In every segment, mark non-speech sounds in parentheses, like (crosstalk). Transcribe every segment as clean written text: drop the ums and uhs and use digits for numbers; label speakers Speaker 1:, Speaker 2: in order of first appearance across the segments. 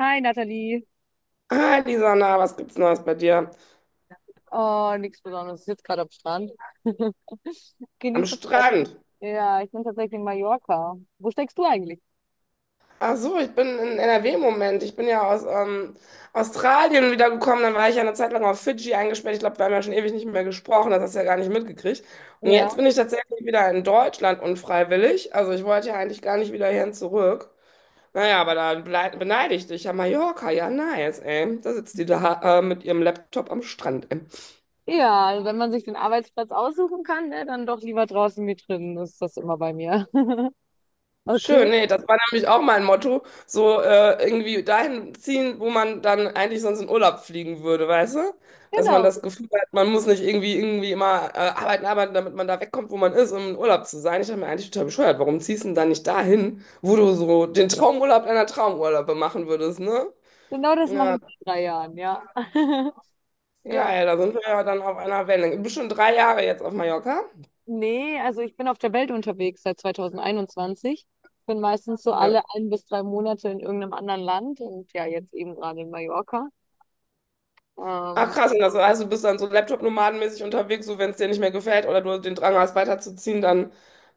Speaker 1: Hi Nathalie.
Speaker 2: Hi Lisana, was gibt's Neues bei dir?
Speaker 1: Oh, nichts Besonderes. Ich sitze gerade am Strand. (laughs)
Speaker 2: Am
Speaker 1: Genieße das Wetter.
Speaker 2: Strand.
Speaker 1: Ja, ich bin tatsächlich in Mallorca. Wo steckst du eigentlich?
Speaker 2: Ach so, ich bin in NRW im Moment. Ich bin ja aus Australien wiedergekommen. Dann war ich ja eine Zeit lang auf Fidschi eingesperrt. Ich glaube, wir haben ja schon ewig nicht mehr gesprochen. Das hast du ja gar nicht mitgekriegt. Und
Speaker 1: Ja.
Speaker 2: jetzt bin ich tatsächlich wieder in Deutschland unfreiwillig. Also ich wollte ja eigentlich gar nicht wieder hierhin zurück. Naja, aber da beneide ich dich. Ja, Mallorca, ja, nice, ey. Da sitzt die da mit ihrem Laptop am Strand.
Speaker 1: Ja, also wenn man sich den Arbeitsplatz aussuchen kann, ne, dann doch lieber draußen wie drinnen, ist das immer bei mir. (laughs) Okay.
Speaker 2: Schön, nee, das war nämlich auch mein Motto, so irgendwie dahin ziehen, wo man dann eigentlich sonst in Urlaub fliegen würde, weißt du? Dass man
Speaker 1: Genau,
Speaker 2: das Gefühl hat, man muss nicht irgendwie immer arbeiten, damit man da wegkommt, wo man ist, um in Urlaub zu sein. Ich habe mir eigentlich total bescheuert, warum ziehst du denn dann nicht dahin, wo du so den Traumurlaub deiner Traumurlaube machen würdest, ne?
Speaker 1: genau das mache
Speaker 2: Ja,
Speaker 1: ich seit 3 Jahren, ja. (laughs) Ja.
Speaker 2: geil, da sind wir ja dann auf einer Wellenlänge. Du bist schon 3 Jahre jetzt auf Mallorca.
Speaker 1: Nee, also ich bin auf der Welt unterwegs seit 2021. Bin meistens so alle
Speaker 2: Ja.
Speaker 1: ein bis drei Monate in irgendeinem anderen Land und ja, jetzt eben gerade in Mallorca.
Speaker 2: Ach
Speaker 1: Ähm,
Speaker 2: krass, und das heißt, du bist dann so Laptop-nomadenmäßig unterwegs, so wenn es dir nicht mehr gefällt oder du den Drang hast, weiterzuziehen, dann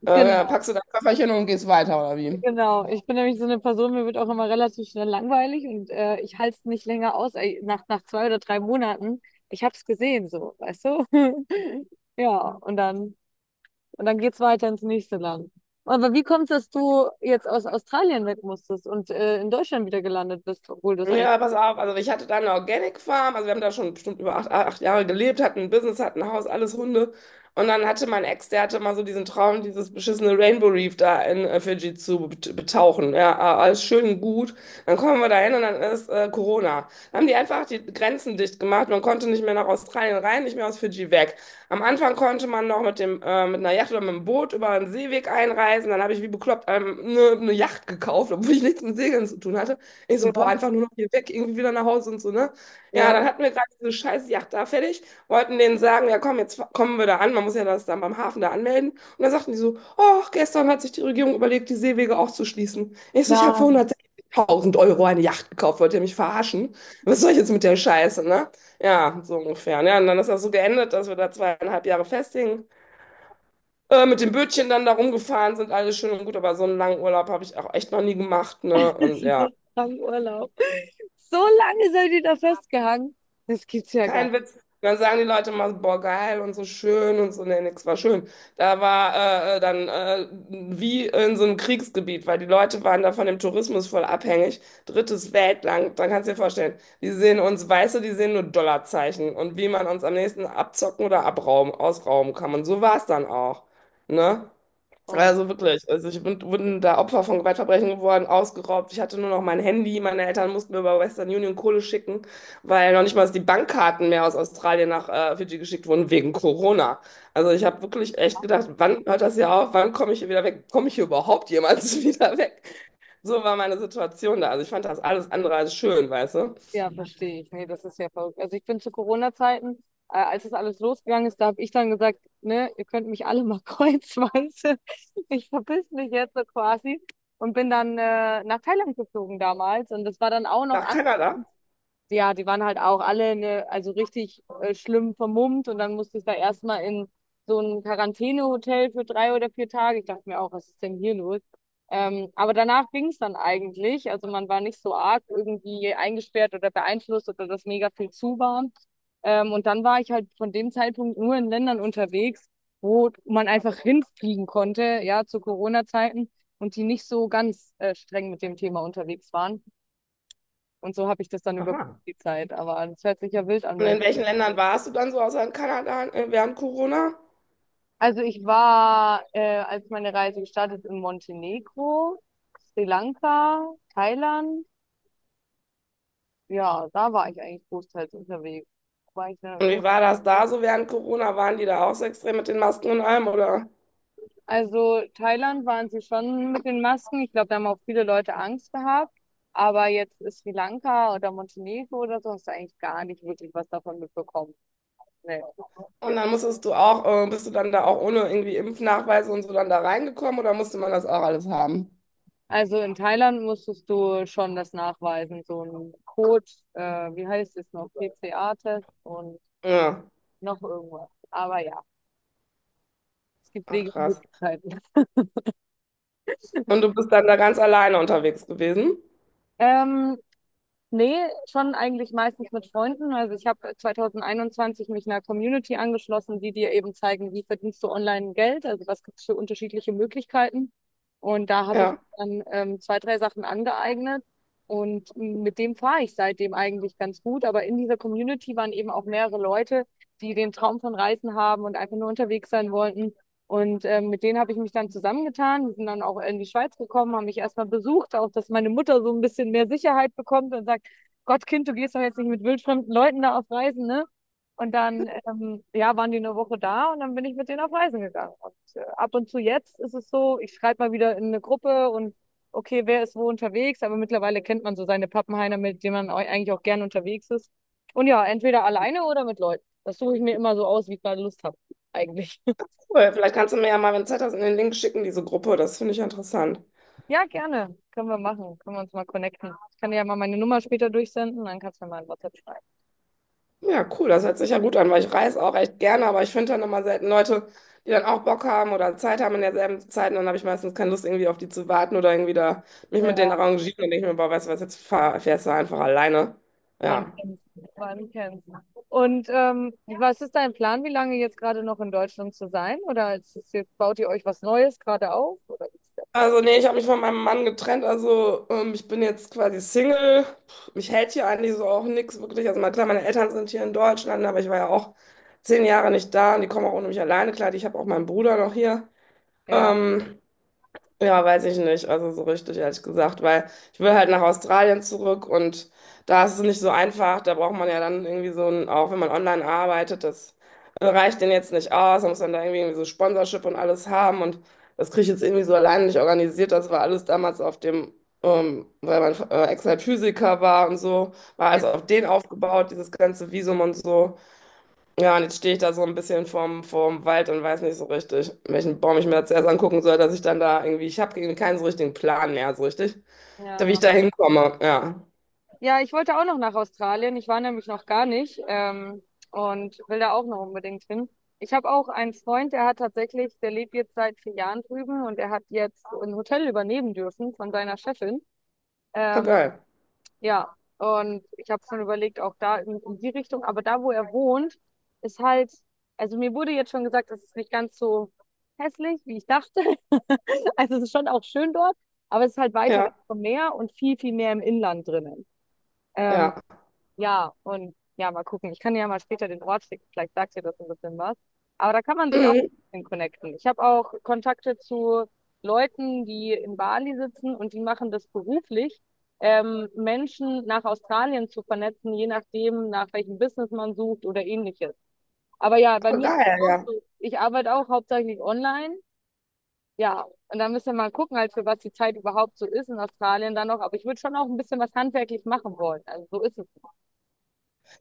Speaker 1: genau,
Speaker 2: packst du dein Köfferchen und gehst weiter, oder wie?
Speaker 1: Genau, ich bin nämlich so eine Person, mir wird auch immer relativ schnell langweilig und ich halte es nicht länger aus, ey, nach 2 oder 3 Monaten. Ich habe es gesehen, so, weißt du? (laughs) Ja, und dann, und dann geht's weiter ins nächste Land. Aber wie kommt es, dass du jetzt aus Australien weg musstest und in Deutschland wieder gelandet bist, obwohl du es eigentlich
Speaker 2: Ja, pass auf, also ich hatte da eine Organic Farm, also wir haben da schon bestimmt über 8 Jahre gelebt, hatten ein Business, hatten ein Haus, alles Hunde. Und dann hatte mein Ex, der hatte mal so diesen Traum, dieses beschissene Rainbow Reef da in Fidschi zu betauchen. Ja, alles schön und gut. Dann kommen wir da hin und dann ist Corona. Dann haben die einfach die Grenzen dicht gemacht. Man konnte nicht mehr nach Australien rein, nicht mehr aus Fidschi weg. Am Anfang konnte man noch mit mit einer Yacht oder mit dem Boot über einen Seeweg einreisen. Dann habe ich wie bekloppt eine Yacht gekauft, obwohl ich nichts mit Segeln zu tun hatte. Ich so,
Speaker 1: früher
Speaker 2: boah,
Speaker 1: warst?
Speaker 2: einfach nur noch hier weg, irgendwie wieder nach Hause und so, ne? Ja,
Speaker 1: Ja,
Speaker 2: dann hatten wir gerade diese scheiß Yacht da fertig, wollten denen sagen, ja komm, jetzt kommen wir da an, man muss ja das dann beim Hafen da anmelden. Und dann sagten die so, oh, gestern hat sich die Regierung überlegt, die Seewege auch zu schließen. Ich so, ich habe für
Speaker 1: nein,
Speaker 2: 160.000 € eine Yacht gekauft, wollt ihr mich verarschen? Was soll ich jetzt mit der Scheiße, ne? Ja, so ungefähr. Ja, und dann ist das so geendet, dass wir da 2,5 Jahre festhingen. Mit dem Bötchen dann da rumgefahren sind, alles schön und gut, aber so einen langen Urlaub habe ich auch echt noch nie gemacht, ne? Und ja.
Speaker 1: (laughs) so lange Urlaub. So lange seid ihr da festgehangen? Das gibt's ja gar nicht.
Speaker 2: Kein Witz. Dann sagen die Leute immer, so, boah, geil und so schön und so, nee, nix war schön. Da war dann wie in so einem Kriegsgebiet, weil die Leute waren da von dem Tourismus voll abhängig. Drittes Weltland, dann kannst du dir vorstellen, die sehen uns Weiße, die sehen nur Dollarzeichen und wie man uns am nächsten abzocken oder abrauben, ausrauben kann. Und so war es dann auch, ne?
Speaker 1: Oh,
Speaker 2: Also wirklich, also ich bin da Opfer von Gewaltverbrechen geworden, ausgeraubt. Ich hatte nur noch mein Handy. Meine Eltern mussten mir über Western Union Kohle schicken, weil noch nicht mal die Bankkarten mehr aus Australien nach Fidschi geschickt wurden wegen Corona. Also ich habe wirklich echt gedacht, wann hört das hier auf? Wann komme ich hier wieder weg? Komme ich hier überhaupt jemals (laughs) wieder weg? So war meine Situation da. Also ich fand das alles andere als schön, weißt du?
Speaker 1: ja, verstehe ich. Nee, das ist ja verrückt. Also ich bin zu Corona-Zeiten, als das alles losgegangen ist, da habe ich dann gesagt, ne, ihr könnt mich alle mal (laughs) kreuzweise. Ich verpiss mich jetzt so quasi und bin dann nach Thailand geflogen damals. Und das war dann auch noch
Speaker 2: Nach
Speaker 1: an,
Speaker 2: Kanada.
Speaker 1: ja, die waren halt auch alle ne, also richtig schlimm vermummt und dann musste ich da erstmal in so ein Quarantänehotel für 3 oder 4 Tage. Ich dachte mir auch, was ist denn hier los? Aber danach ging es dann eigentlich. Also man war nicht so arg irgendwie eingesperrt oder beeinflusst oder dass mega viel zu war. Und dann war ich halt von dem Zeitpunkt nur in Ländern unterwegs, wo man einfach hinfliegen konnte, ja, zu Corona-Zeiten und die nicht so ganz streng mit dem Thema unterwegs waren. Und so habe ich das dann über
Speaker 2: Aha.
Speaker 1: die Zeit. Aber das hört sich ja wild an
Speaker 2: Und
Speaker 1: bei dir.
Speaker 2: in welchen Ländern warst du dann so außer in Kanada während Corona?
Speaker 1: Also ich war, als meine Reise gestartet, in Montenegro, Sri Lanka, Thailand. Ja, da war ich eigentlich großteils unterwegs. War ich da
Speaker 2: Und wie
Speaker 1: gut.
Speaker 2: war das da so während Corona? Waren die da auch so extrem mit den Masken und allem, oder?
Speaker 1: Also Thailand waren sie schon mit den Masken. Ich glaube, da haben auch viele Leute Angst gehabt. Aber jetzt ist Sri Lanka oder Montenegro oder so, hast du eigentlich gar nicht wirklich was davon mitbekommen. Nee.
Speaker 2: Und dann musstest du bist du dann da auch ohne irgendwie Impfnachweise und so dann da reingekommen oder musste man das auch alles haben?
Speaker 1: Also in Thailand musstest du schon das nachweisen, so ein Code, wie heißt es noch, PCA-Test und
Speaker 2: Ja,
Speaker 1: noch irgendwas. Aber ja, es gibt
Speaker 2: ach
Speaker 1: Wege und
Speaker 2: krass.
Speaker 1: Möglichkeiten. (laughs)
Speaker 2: Und du bist dann da ganz alleine unterwegs gewesen?
Speaker 1: Ähm, Nee, schon eigentlich meistens mit Freunden. Also ich habe 2021 mich einer Community angeschlossen, die dir eben zeigen, wie verdienst du online Geld, also was gibt es für unterschiedliche Möglichkeiten. Und da habe ich
Speaker 2: Ja,
Speaker 1: dann zwei, drei Sachen angeeignet und mit dem fahre ich seitdem eigentlich ganz gut. Aber in dieser Community waren eben auch mehrere Leute, die den Traum von Reisen haben und einfach nur unterwegs sein wollten. Und mit denen habe ich mich dann zusammengetan. Die sind dann auch in die Schweiz gekommen, haben mich erstmal besucht, auch dass meine Mutter so ein bisschen mehr Sicherheit bekommt und sagt, Gottkind, du gehst doch jetzt nicht mit wildfremden Leuten da auf Reisen, ne? Und dann, ja, waren die 1 Woche da und dann bin ich mit denen auf Reisen gegangen. Und ab und zu jetzt ist es so, ich schreibe mal wieder in eine Gruppe und okay, wer ist wo unterwegs, aber mittlerweile kennt man so seine Pappenheimer, mit denen man eigentlich auch gern unterwegs ist. Und ja, entweder alleine oder mit Leuten. Das suche ich mir immer so aus, wie ich gerade Lust habe, eigentlich. (laughs)
Speaker 2: cool. Vielleicht kannst du mir ja mal, wenn du Zeit hast, in den Link schicken, diese Gruppe. Das finde ich interessant.
Speaker 1: Ja, gerne. Können wir machen. Können wir uns mal connecten. Ich kann dir ja mal meine Nummer später durchsenden, dann kannst du mir mal ein WhatsApp schreiben.
Speaker 2: Ja, cool, das hört sich ja gut an, weil ich reise auch echt gerne, aber ich finde dann immer selten Leute, die dann auch Bock haben oder Zeit haben in derselben Zeit und dann habe ich meistens keine Lust, irgendwie auf die zu warten oder irgendwie da mich
Speaker 1: Äh,
Speaker 2: mit denen arrangieren und denke ich mir, boah, weißt du was, jetzt fährst du einfach alleine.
Speaker 1: Man
Speaker 2: Ja.
Speaker 1: man kennt's. Und was ist dein Plan, wie lange jetzt gerade noch in Deutschland zu sein? Oder ist es jetzt, baut ihr euch was Neues gerade auf? Oder wie ist der Plan?
Speaker 2: Also nee, ich habe mich von meinem Mann getrennt, also ich bin jetzt quasi Single. Puh, mich hält hier eigentlich so auch nichts wirklich. Also mal klar, meine Eltern sind hier in Deutschland, aber ich war ja auch 10 Jahre nicht da und die kommen auch ohne mich alleine. Klar, ich habe auch meinen Bruder noch hier.
Speaker 1: Ja,
Speaker 2: Ähm, Ja, weiß ich nicht. Also so richtig, ehrlich gesagt, weil ich will halt nach Australien zurück und da ist es nicht so einfach. Da braucht man ja dann irgendwie so ein, auch wenn man online arbeitet, das reicht denen jetzt nicht aus. Man muss dann da irgendwie so Sponsorship und alles haben und das kriege ich jetzt irgendwie so alleine nicht organisiert. Das war alles damals auf weil mein Ex halt Physiker war und so, war
Speaker 1: ja,
Speaker 2: alles auf den aufgebaut, dieses ganze Visum und so. Ja, und jetzt stehe ich da so ein bisschen vorm Wald und weiß nicht so richtig, welchen Baum ich mir jetzt erst angucken soll, dass ich dann da irgendwie, ich habe keinen so richtigen Plan mehr, so richtig, da wie ich
Speaker 1: ja.
Speaker 2: da hinkomme. Ja,
Speaker 1: Ja, ich wollte auch noch nach Australien. Ich war nämlich noch gar nicht und will da auch noch unbedingt hin. Ich habe auch einen Freund, der hat tatsächlich, der lebt jetzt seit 4 Jahren drüben und er hat jetzt ein Hotel übernehmen dürfen von seiner Chefin.
Speaker 2: voll
Speaker 1: Ähm,
Speaker 2: geil.
Speaker 1: Ja, und ich habe schon überlegt, auch da in die Richtung, aber da, wo er wohnt, ist halt, also mir wurde jetzt schon gesagt, es ist nicht ganz so hässlich, wie ich dachte. (laughs) Also es ist schon auch schön dort, aber es ist halt weiter weg
Speaker 2: Ja,
Speaker 1: vom Meer und viel mehr im Inland drinnen. Ähm,
Speaker 2: ja.
Speaker 1: ja, und ja, mal gucken. Ich kann dir ja mal später den Ort schicken. Vielleicht sagt dir das ein bisschen was. Aber da kann man sich auch
Speaker 2: Mhm,
Speaker 1: ein bisschen connecten. Ich habe auch Kontakte zu Leuten, die in Bali sitzen und die machen das beruflich, Menschen nach Australien zu vernetzen, je nachdem, nach welchem Business man sucht oder ähnliches. Aber ja, bei
Speaker 2: voll
Speaker 1: mir ist das
Speaker 2: geil,
Speaker 1: auch
Speaker 2: ja.
Speaker 1: so. Ich arbeite auch hauptsächlich online. Ja, und da müssen wir mal gucken, halt für was die Zeit überhaupt so ist in Australien dann noch. Aber ich würde schon auch ein bisschen was handwerklich machen wollen. Also so ist es.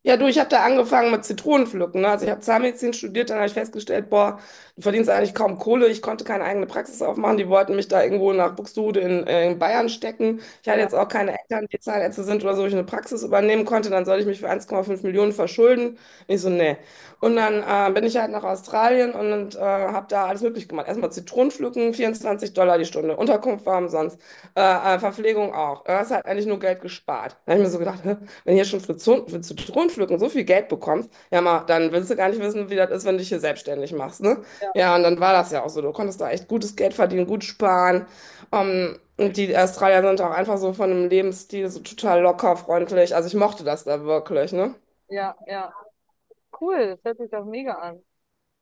Speaker 2: Ja, du, ich habe da angefangen mit Zitronenpflücken. Ne? Also ich habe Zahnmedizin studiert, dann habe ich festgestellt, boah, du verdienst eigentlich kaum Kohle. Ich konnte keine eigene Praxis aufmachen. Die wollten mich da irgendwo nach Buxtehude in Bayern stecken. Ich hatte jetzt
Speaker 1: Ja,
Speaker 2: auch keine Eltern, die Zahnärzte sind oder so, wo ich eine Praxis übernehmen konnte. Dann soll ich mich für 1,5 Millionen verschulden. Ich so, nee. Und
Speaker 1: ja.
Speaker 2: dann bin ich halt nach Australien und habe da alles möglich gemacht. Erstmal Zitronenpflücken, 24 $ die Stunde. Unterkunft war umsonst. Verpflegung auch. Das hat eigentlich nur Geld gespart. Da habe ich mir so gedacht, hä? Wenn du hier schon für Zitronenpflücken so viel Geld bekommst, ja mal, dann willst du gar nicht wissen, wie das ist, wenn du dich hier selbstständig machst, ne?
Speaker 1: Ja.
Speaker 2: Ja, und dann war das ja auch so. Du konntest da echt gutes Geld verdienen, gut sparen. Und die Australier sind auch einfach so von dem Lebensstil so total locker, freundlich. Also ich mochte das da wirklich, ne?
Speaker 1: Ja, ja. Cool, das hört sich doch mega an.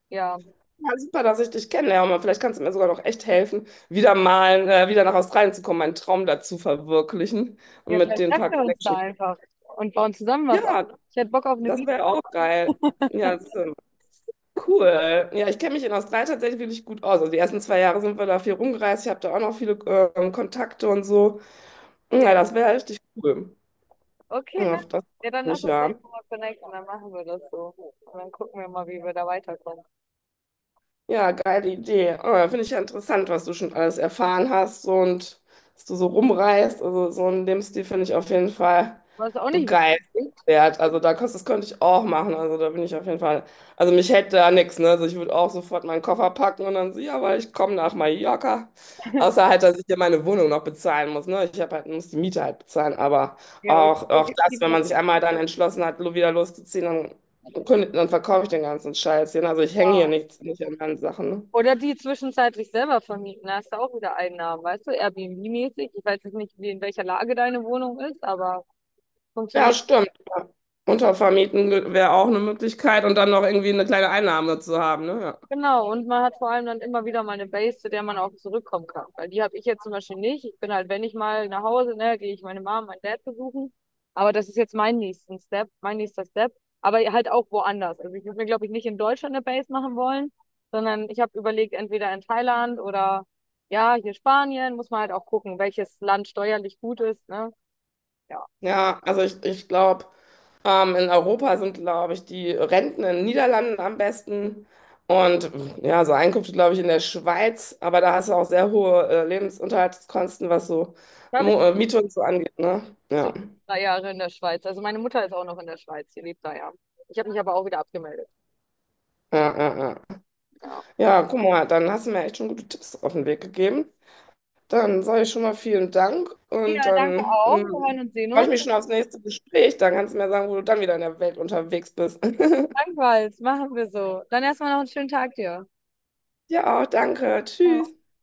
Speaker 1: Ja.
Speaker 2: Ja, super, dass ich dich kennenlerne. Mann. Vielleicht kannst du mir sogar noch echt helfen, wieder mal wieder nach Australien zu kommen, meinen Traum dazu verwirklichen
Speaker 1: Ja,
Speaker 2: und mit
Speaker 1: vielleicht
Speaker 2: den
Speaker 1: treffen
Speaker 2: paar
Speaker 1: wir uns da
Speaker 2: Connections.
Speaker 1: einfach und bauen zusammen was auf.
Speaker 2: Ja,
Speaker 1: Ich hätte Bock auf eine
Speaker 2: das
Speaker 1: Beach.
Speaker 2: wäre auch geil. Ja, cool. Ja, ich kenne mich in Australien tatsächlich wirklich gut aus. Also die ersten 2 Jahre sind wir da viel rumgereist. Ich habe da auch noch viele Kontakte und so. Ja,
Speaker 1: Fair.
Speaker 2: das wäre richtig cool.
Speaker 1: Okay,
Speaker 2: Ja,
Speaker 1: ne?
Speaker 2: das
Speaker 1: Ja,
Speaker 2: freut
Speaker 1: dann lass
Speaker 2: mich
Speaker 1: uns doch
Speaker 2: ja.
Speaker 1: mal connecten und dann machen wir das so. Und dann gucken wir mal, wie wir da weiterkommen.
Speaker 2: Ja, geile Idee. Oh, ja, finde ich ja interessant, was du schon alles erfahren hast so, und dass du so rumreist. Also so einen Lebensstil finde ich auf jeden Fall
Speaker 1: Was auch nicht witzig ist.
Speaker 2: begeisternswert. Also da, das könnte ich auch machen. Also da bin ich auf jeden Fall. Also mich hält da nichts, ne? Also ich würde auch sofort meinen Koffer packen und dann so, ja, weil ich komme nach Mallorca. Außer halt, dass ich hier meine Wohnung noch bezahlen muss. Ne? Ich hab halt, muss die Miete halt bezahlen. Aber
Speaker 1: Ja, oder so
Speaker 2: auch
Speaker 1: gibt's
Speaker 2: das,
Speaker 1: die
Speaker 2: wenn
Speaker 1: mal.
Speaker 2: man sich einmal dann entschlossen hat, wieder loszuziehen, kündigt, dann verkaufe ich den ganzen Scheiß hier. Ne? Also ich hänge hier
Speaker 1: Ja.
Speaker 2: nicht an meinen Sachen. Ne?
Speaker 1: Oder die zwischenzeitlich selber vermieten. Da hast du auch wieder Einnahmen, weißt du? Airbnb-mäßig. Ich weiß jetzt nicht, wie in welcher Lage deine Wohnung ist, aber
Speaker 2: Ja,
Speaker 1: funktioniert.
Speaker 2: stimmt. Ja. Untervermieten wäre auch eine Möglichkeit und dann noch irgendwie eine kleine Einnahme zu haben. Ne? Ja.
Speaker 1: Genau, und man hat vor allem dann immer wieder mal eine Base, zu der man auch zurückkommen kann. Weil die habe ich jetzt zum Beispiel nicht. Ich bin halt, wenn ich mal nach Hause, ne, gehe ich meine Mom, meinen Dad besuchen. Aber das ist jetzt mein nächster Step. Aber halt auch woanders. Also ich würde mir, glaube ich, nicht in Deutschland eine Base machen wollen, sondern ich habe überlegt, entweder in Thailand oder ja, hier Spanien, muss man halt auch gucken, welches Land steuerlich gut ist, ne? Ja.
Speaker 2: Ja, also ich glaube, in Europa sind, glaube ich, die Renten in den Niederlanden am besten und ja, so Einkünfte, glaube ich, in der Schweiz, aber da hast du auch sehr hohe Lebensunterhaltskosten, was so
Speaker 1: Da habe
Speaker 2: Mo
Speaker 1: ich
Speaker 2: Miete und so angeht, ne?
Speaker 1: zu
Speaker 2: Ja.
Speaker 1: 3 Jahre in der Schweiz. Also meine Mutter ist auch noch in der Schweiz, sie lebt da ja. Ich habe mich aber auch wieder abgemeldet.
Speaker 2: Ja, ja, ja.
Speaker 1: Ja.
Speaker 2: Ja, guck mal, dann hast du mir echt schon gute Tipps auf den Weg gegeben. Dann sage ich schon mal vielen Dank und
Speaker 1: Ja, danke
Speaker 2: dann
Speaker 1: auch. Wir
Speaker 2: mm,
Speaker 1: hören und sehen
Speaker 2: freue
Speaker 1: uns.
Speaker 2: ich mich schon aufs nächste Gespräch. Dann kannst du mir sagen, wo du dann wieder in der Welt unterwegs bist. (laughs)
Speaker 1: Dankbar, machen wir so. Dann erstmal noch einen schönen Tag dir.
Speaker 2: Ja, auch danke. Tschüss.
Speaker 1: Ciao.